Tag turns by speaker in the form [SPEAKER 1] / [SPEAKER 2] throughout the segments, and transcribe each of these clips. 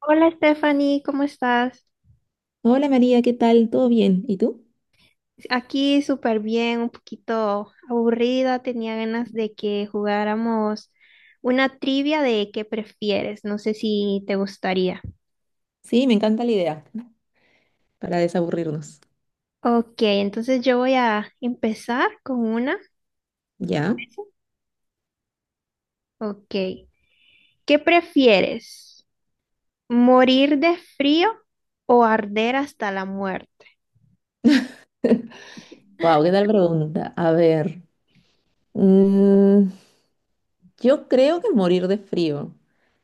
[SPEAKER 1] Hola Stephanie, ¿cómo estás?
[SPEAKER 2] Hola María, ¿qué tal? ¿Todo bien? ¿Y tú?
[SPEAKER 1] Aquí súper bien, un poquito aburrida, tenía ganas de que jugáramos una trivia de qué prefieres, no sé si te gustaría.
[SPEAKER 2] Sí, me encanta la idea. Para desaburrirnos.
[SPEAKER 1] Ok, entonces yo voy a empezar con una.
[SPEAKER 2] ¿Ya?
[SPEAKER 1] Ok, ¿qué prefieres? ¿Morir de frío o arder hasta la muerte?
[SPEAKER 2] Wow, ¿qué tal pregunta? A ver. mm, yo creo que morir de frío.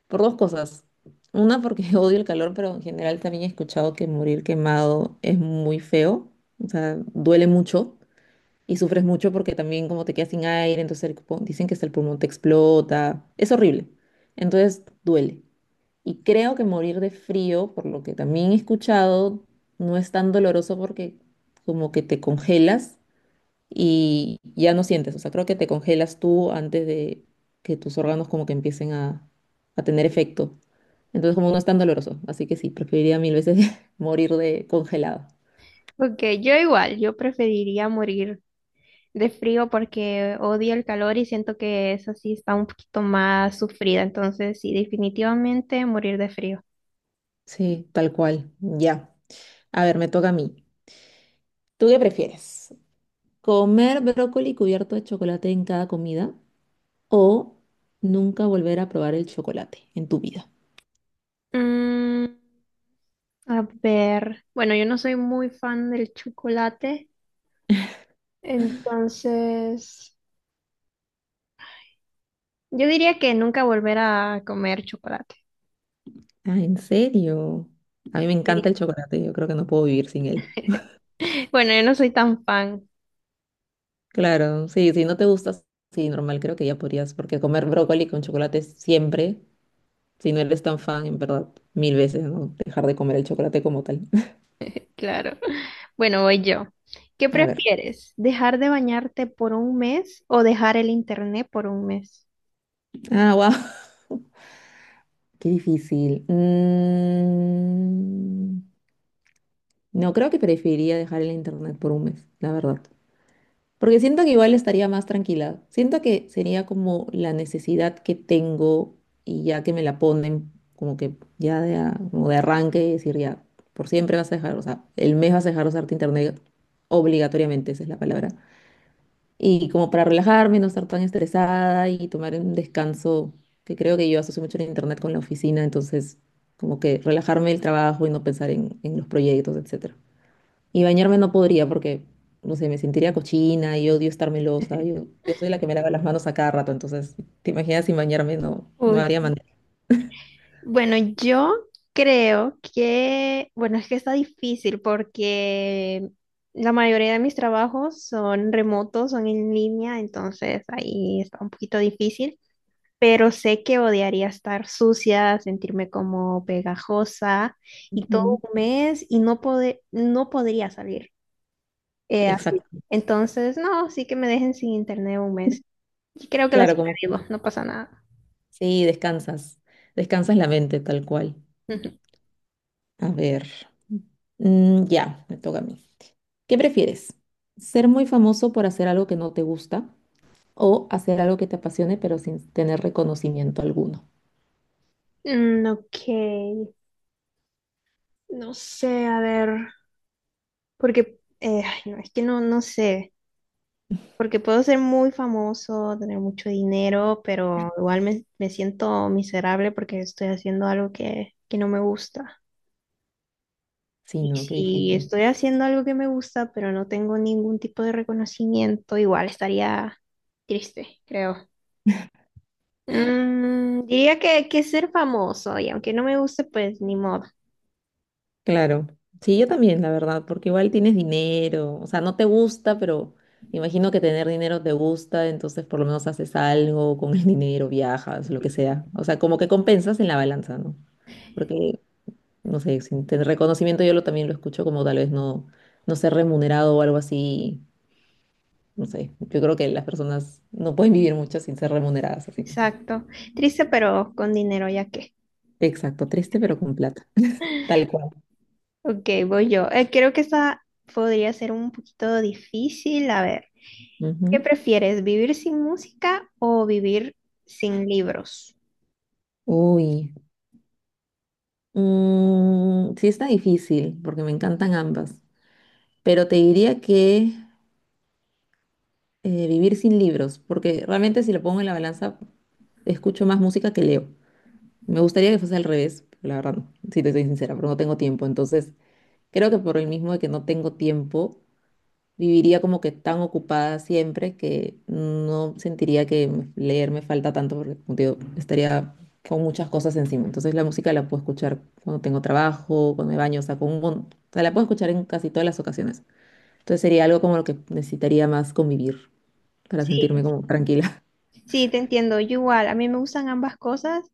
[SPEAKER 2] Por dos cosas. Una, porque odio el calor, pero en general también he escuchado que morir quemado es muy feo. O sea, duele mucho y sufres mucho porque también como te quedas sin aire, entonces dicen que hasta el pulmón te explota. Es horrible. Entonces duele. Y creo que morir de frío, por lo que también he escuchado, no es tan doloroso porque como que te congelas y ya no sientes. O sea, creo que te congelas tú antes de que tus órganos como que empiecen a tener efecto. Entonces como no es tan doloroso. Así que sí, preferiría mil veces morir de congelado.
[SPEAKER 1] Ok, yo igual, yo preferiría morir de frío porque odio el calor y siento que esa sí está un poquito más sufrida. Entonces, sí, definitivamente morir de frío.
[SPEAKER 2] Sí, tal cual. Ya. A ver, me toca a mí. ¿Tú qué prefieres? ¿Comer brócoli cubierto de chocolate en cada comida o nunca volver a probar el chocolate en tu vida?
[SPEAKER 1] Mm, a ver, bueno, yo no soy muy fan del chocolate, entonces yo diría que nunca volver a comer chocolate.
[SPEAKER 2] Ah, ¿en serio? A mí me
[SPEAKER 1] Sí.
[SPEAKER 2] encanta el chocolate, yo creo que no puedo vivir sin él.
[SPEAKER 1] Bueno, yo no soy tan fan,
[SPEAKER 2] Claro, sí, si no te gusta, sí, normal, creo que ya podrías, porque comer brócoli con chocolate siempre, si no eres tan fan, en verdad, mil veces, ¿no? Dejar de comer el chocolate como tal.
[SPEAKER 1] claro. Bueno, voy yo. ¿Qué
[SPEAKER 2] A ver.
[SPEAKER 1] prefieres? ¿Dejar de bañarte por un mes o dejar el internet por un mes?
[SPEAKER 2] Ah, wow, qué difícil. No, creo que preferiría dejar el internet por un mes, la verdad. Porque siento que igual estaría más tranquila. Siento que sería como la necesidad que tengo y ya que me la ponen como que ya como de arranque, decir ya, por siempre vas a dejar, o sea, el mes vas a dejar de usarte internet obligatoriamente, esa es la palabra. Y como para relajarme, no estar tan estresada y tomar un descanso, que creo que yo asocio mucho el internet con la oficina, entonces como que relajarme el trabajo y no pensar en los proyectos, etcétera. Y bañarme no podría porque, no sé, me sentiría cochina y odio estar melosa. Yo soy la que me lava las manos a cada rato, entonces, ¿te imaginas sin bañarme? No, no
[SPEAKER 1] Uy.
[SPEAKER 2] haría manera.
[SPEAKER 1] Bueno, yo creo que, bueno, es que está difícil porque la mayoría de mis trabajos son remotos, son en línea, entonces ahí está un poquito difícil, pero sé que odiaría estar sucia, sentirme como pegajosa y
[SPEAKER 2] Ujú.
[SPEAKER 1] todo un mes y no podría salir así.
[SPEAKER 2] Exacto.
[SPEAKER 1] Entonces, no, sí que me dejen sin internet un mes. Y creo que lo
[SPEAKER 2] Claro, como
[SPEAKER 1] sobrevivo, no pasa nada.
[SPEAKER 2] sí, descansas. Descansas la mente, tal cual. A ver. Mm, ya, me toca a mí. ¿Qué prefieres? ¿Ser muy famoso por hacer algo que no te gusta o hacer algo que te apasione pero sin tener reconocimiento alguno?
[SPEAKER 1] Mm, ok. No sé, a ver, porque ay, no, es que no, no sé, porque puedo ser muy famoso, tener mucho dinero, pero igual me siento miserable porque estoy haciendo algo que no me gusta.
[SPEAKER 2] Sí,
[SPEAKER 1] Y
[SPEAKER 2] no, qué
[SPEAKER 1] si
[SPEAKER 2] difícil.
[SPEAKER 1] estoy haciendo algo que me gusta, pero no tengo ningún tipo de reconocimiento, igual estaría triste, creo. Mm, diría que ser famoso, y aunque no me guste, pues ni modo.
[SPEAKER 2] Claro, sí, yo también, la verdad, porque igual tienes dinero, o sea, no te gusta, pero imagino que tener dinero te gusta, entonces por lo menos haces algo con el dinero, viajas, lo que sea, o sea, como que compensas en la balanza, ¿no? Porque, no sé, sin tener reconocimiento también lo escucho como tal vez no, no ser remunerado o algo así, no sé, yo creo que las personas no pueden vivir mucho sin ser remuneradas, así que,
[SPEAKER 1] Exacto. Triste, pero con dinero, ya que.
[SPEAKER 2] exacto, triste pero con plata, tal cual.
[SPEAKER 1] Ok, voy yo. Creo que esta podría ser un poquito difícil. A ver, ¿qué
[SPEAKER 2] Ujú.
[SPEAKER 1] prefieres, vivir sin música o vivir sin libros?
[SPEAKER 2] Uy. Mm, sí está difícil, porque me encantan ambas, pero te diría que vivir sin libros, porque realmente si lo pongo en la balanza, escucho más música que leo. Me gustaría que fuese al revés, pero la verdad, no, si te soy sincera, pero no tengo tiempo. Entonces, creo que por el mismo de que no tengo tiempo, viviría como que tan ocupada siempre que no sentiría que leer me falta tanto porque como te digo, estaría con muchas cosas encima. Entonces la música la puedo escuchar cuando tengo trabajo, cuando me baño, o sea, o sea, la puedo escuchar en casi todas las ocasiones. Entonces sería algo como lo que necesitaría más convivir para sentirme
[SPEAKER 1] Sí,
[SPEAKER 2] como tranquila.
[SPEAKER 1] sí, te entiendo. Yo igual, a mí me gustan ambas cosas,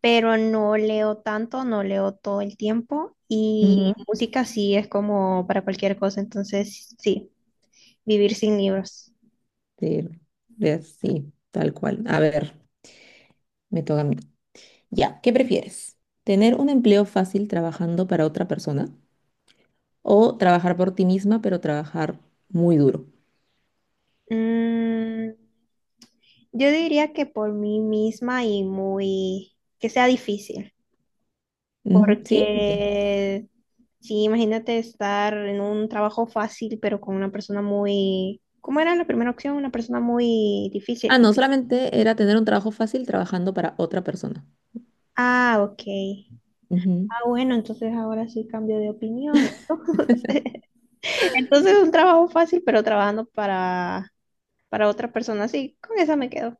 [SPEAKER 1] pero no leo tanto, no leo todo el tiempo
[SPEAKER 2] Ujú.
[SPEAKER 1] y música sí es como para cualquier cosa, entonces sí, vivir sin libros.
[SPEAKER 2] Sí, sí, tal cual. A ver, me toca a mí. Ya, ¿qué prefieres? ¿Tener un empleo fácil trabajando para otra persona o trabajar por ti misma, pero trabajar muy duro.
[SPEAKER 1] Mm, yo diría que por mí misma y muy, que sea difícil,
[SPEAKER 2] Ujú, ¿sí? Ok.
[SPEAKER 1] porque sí, imagínate estar en un trabajo fácil, pero con una persona muy, ¿cómo era la primera opción? Una persona muy
[SPEAKER 2] Ah,
[SPEAKER 1] difícil.
[SPEAKER 2] no, solamente era tener un trabajo fácil trabajando para otra persona.
[SPEAKER 1] Ah, ok.
[SPEAKER 2] Ujú.
[SPEAKER 1] Ah, bueno, entonces ahora sí cambio de opinión. Entonces un trabajo fácil, pero trabajando para otra persona, sí, con esa me quedo.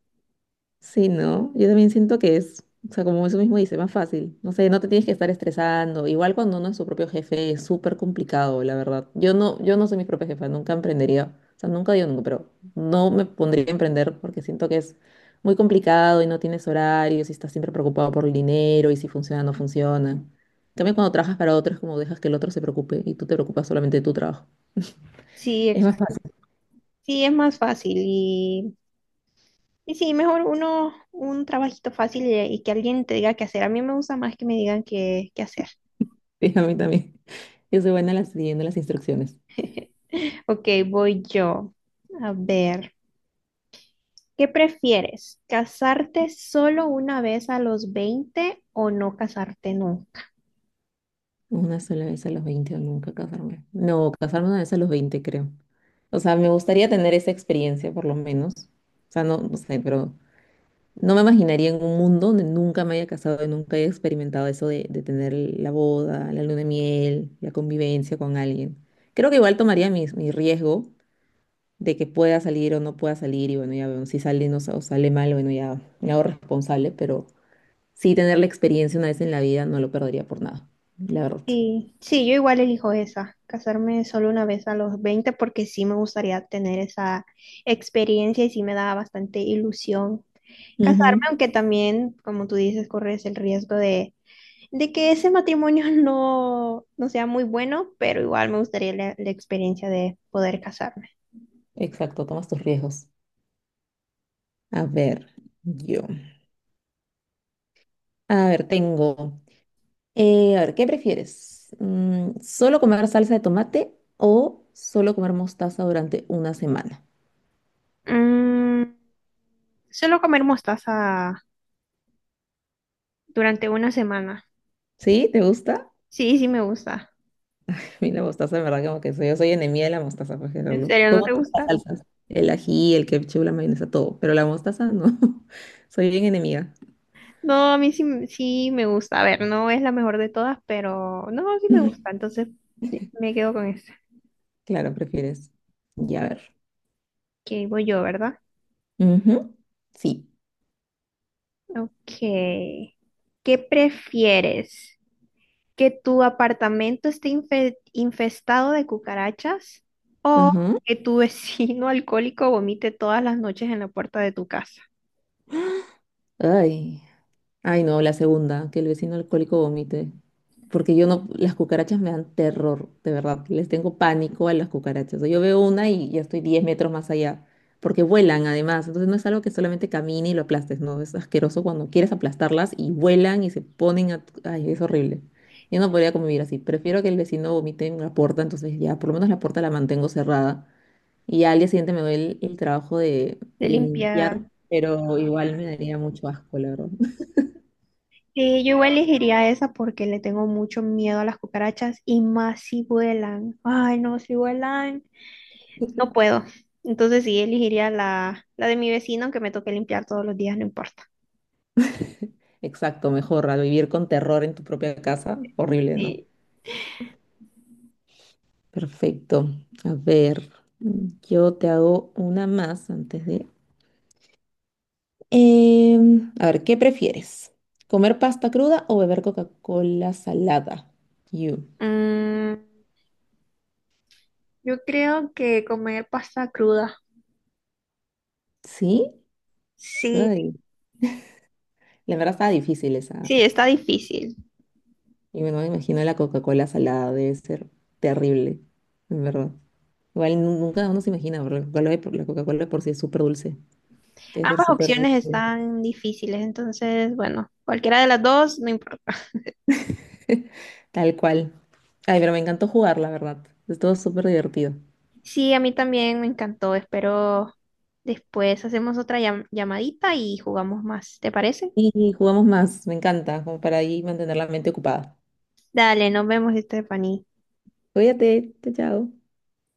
[SPEAKER 2] Sí, ¿no? Yo también siento que es, o sea, como eso mismo dice, más fácil. No sé, no te tienes que estar estresando. Igual cuando uno es su propio jefe es súper complicado, la verdad. Yo no soy mi propia jefa, nunca emprendería. O sea, nunca digo nunca, pero no me pondría a emprender porque siento que es muy complicado y no tienes horarios y estás siempre preocupado por el dinero y si funciona o no funciona. En cambio, cuando trabajas para otros, como dejas que el otro se preocupe y tú te preocupas solamente de tu trabajo.
[SPEAKER 1] Sí,
[SPEAKER 2] Es
[SPEAKER 1] exacto.
[SPEAKER 2] más fácil.
[SPEAKER 1] Sí, es más fácil y sí, mejor uno, un trabajito fácil y que alguien te diga qué hacer. A mí me gusta más que me digan qué hacer.
[SPEAKER 2] Sí, a mí también. Yo soy buena siguiendo las instrucciones.
[SPEAKER 1] Ok, voy yo. A ver, ¿qué prefieres? ¿Casarte solo una vez a los 20 o no casarte nunca?
[SPEAKER 2] Una sola vez a los 20 o nunca casarme. No, casarme una vez a los 20 creo. O sea, me gustaría tener esa experiencia, por lo menos. O sea, no, no sé, pero no me imaginaría en un mundo donde nunca me haya casado y nunca haya experimentado eso de tener la boda, la luna de miel, la convivencia con alguien. Creo que igual tomaría mi riesgo de que pueda salir o no pueda salir y bueno, ya veo, si sale no, sa- o sale mal, bueno, ya me hago responsable, pero sí tener la experiencia una vez en la vida no lo perdería por nada, la verdad.
[SPEAKER 1] Sí, sí, yo igual elijo esa, casarme solo una vez a los 20 porque sí me gustaría tener esa experiencia y sí me da bastante ilusión casarme, aunque también, como tú dices, corres el riesgo de que ese matrimonio no sea muy bueno, pero igual me gustaría la experiencia de poder casarme.
[SPEAKER 2] Exacto, tomas tus riesgos. A ver, yo. A ver, tengo. ¿Qué prefieres? Mm, ¿solo comer salsa de tomate o solo comer mostaza durante una semana?
[SPEAKER 1] Mm, solo comer mostaza durante una semana.
[SPEAKER 2] ¿Sí? ¿Te gusta?
[SPEAKER 1] Sí, sí me gusta.
[SPEAKER 2] A mí la mostaza, en verdad, como que soy, yo soy enemiga de la mostaza, porque
[SPEAKER 1] ¿En serio no
[SPEAKER 2] como
[SPEAKER 1] te
[SPEAKER 2] todas
[SPEAKER 1] gusta?
[SPEAKER 2] las salsas. El ají, el ketchup, la mayonesa, todo. Pero la mostaza no. Soy bien enemiga.
[SPEAKER 1] No, a mí sí, sí me gusta. A ver, no es la mejor de todas, pero no, sí me gusta. Entonces sí, me quedo con esta.
[SPEAKER 2] Claro, prefieres. Ya, a ver.
[SPEAKER 1] Que voy yo, ¿verdad?
[SPEAKER 2] Ujú, sí.
[SPEAKER 1] Ok. ¿Qué prefieres? Que tu apartamento infestado de cucarachas o
[SPEAKER 2] Ajá.
[SPEAKER 1] que tu vecino alcohólico vomite todas las noches en la puerta de tu casa.
[SPEAKER 2] Ay. Ay, no, la segunda, que el vecino alcohólico vomite. Porque yo no, las cucarachas me dan terror, de verdad. Les tengo pánico a las cucarachas. O sea, yo veo una y ya estoy 10 metros más allá. Porque vuelan además. Entonces no es algo que solamente camine y lo aplastes, no. Es asqueroso cuando quieres aplastarlas y vuelan y se ponen a... Ay, es horrible. Yo no podría convivir así. Prefiero que el vecino vomite en la puerta, entonces ya, por lo menos la puerta la mantengo cerrada. Y ya al día siguiente me doy el trabajo
[SPEAKER 1] De
[SPEAKER 2] de
[SPEAKER 1] limpiar.
[SPEAKER 2] limpiar, pero igual me daría mucho asco, la verdad.
[SPEAKER 1] Sí, yo igual elegiría esa porque le tengo mucho miedo a las cucarachas y más si vuelan. Ay, no, si vuelan, no puedo. Entonces sí, elegiría la de mi vecino, aunque me toque limpiar todos los días, no importa.
[SPEAKER 2] Exacto, mejor, al vivir con terror en tu propia casa, horrible, ¿no?
[SPEAKER 1] Sí.
[SPEAKER 2] Perfecto. A ver, yo te hago una más antes de... Em, a ver, ¿qué prefieres? ¿Comer pasta cruda o beber Coca-Cola salada? You.
[SPEAKER 1] Mm, yo creo que comer pasta cruda.
[SPEAKER 2] ¿Sí?
[SPEAKER 1] Sí,
[SPEAKER 2] Ay, la verdad estaba difícil esa.
[SPEAKER 1] sí, está difícil.
[SPEAKER 2] Y bueno, me imagino la Coca-Cola salada debe ser terrible, en verdad. Igual nunca uno se imagina, porque la Coca-Cola de por sí es súper dulce. Debe ser
[SPEAKER 1] Ambas
[SPEAKER 2] súper
[SPEAKER 1] opciones
[SPEAKER 2] dulce.
[SPEAKER 1] están difíciles, entonces, bueno, cualquiera de las dos, no importa.
[SPEAKER 2] Tal cual. Ay, pero me encantó jugar, la verdad. Estuvo súper divertido.
[SPEAKER 1] Sí, a mí también me encantó. Espero después hacemos otra llamadita y jugamos más. ¿Te parece?
[SPEAKER 2] Y jugamos más, me encanta, como para ahí mantener la mente ocupada.
[SPEAKER 1] Dale, nos vemos, Stephanie.
[SPEAKER 2] Cuídate, chao, chao.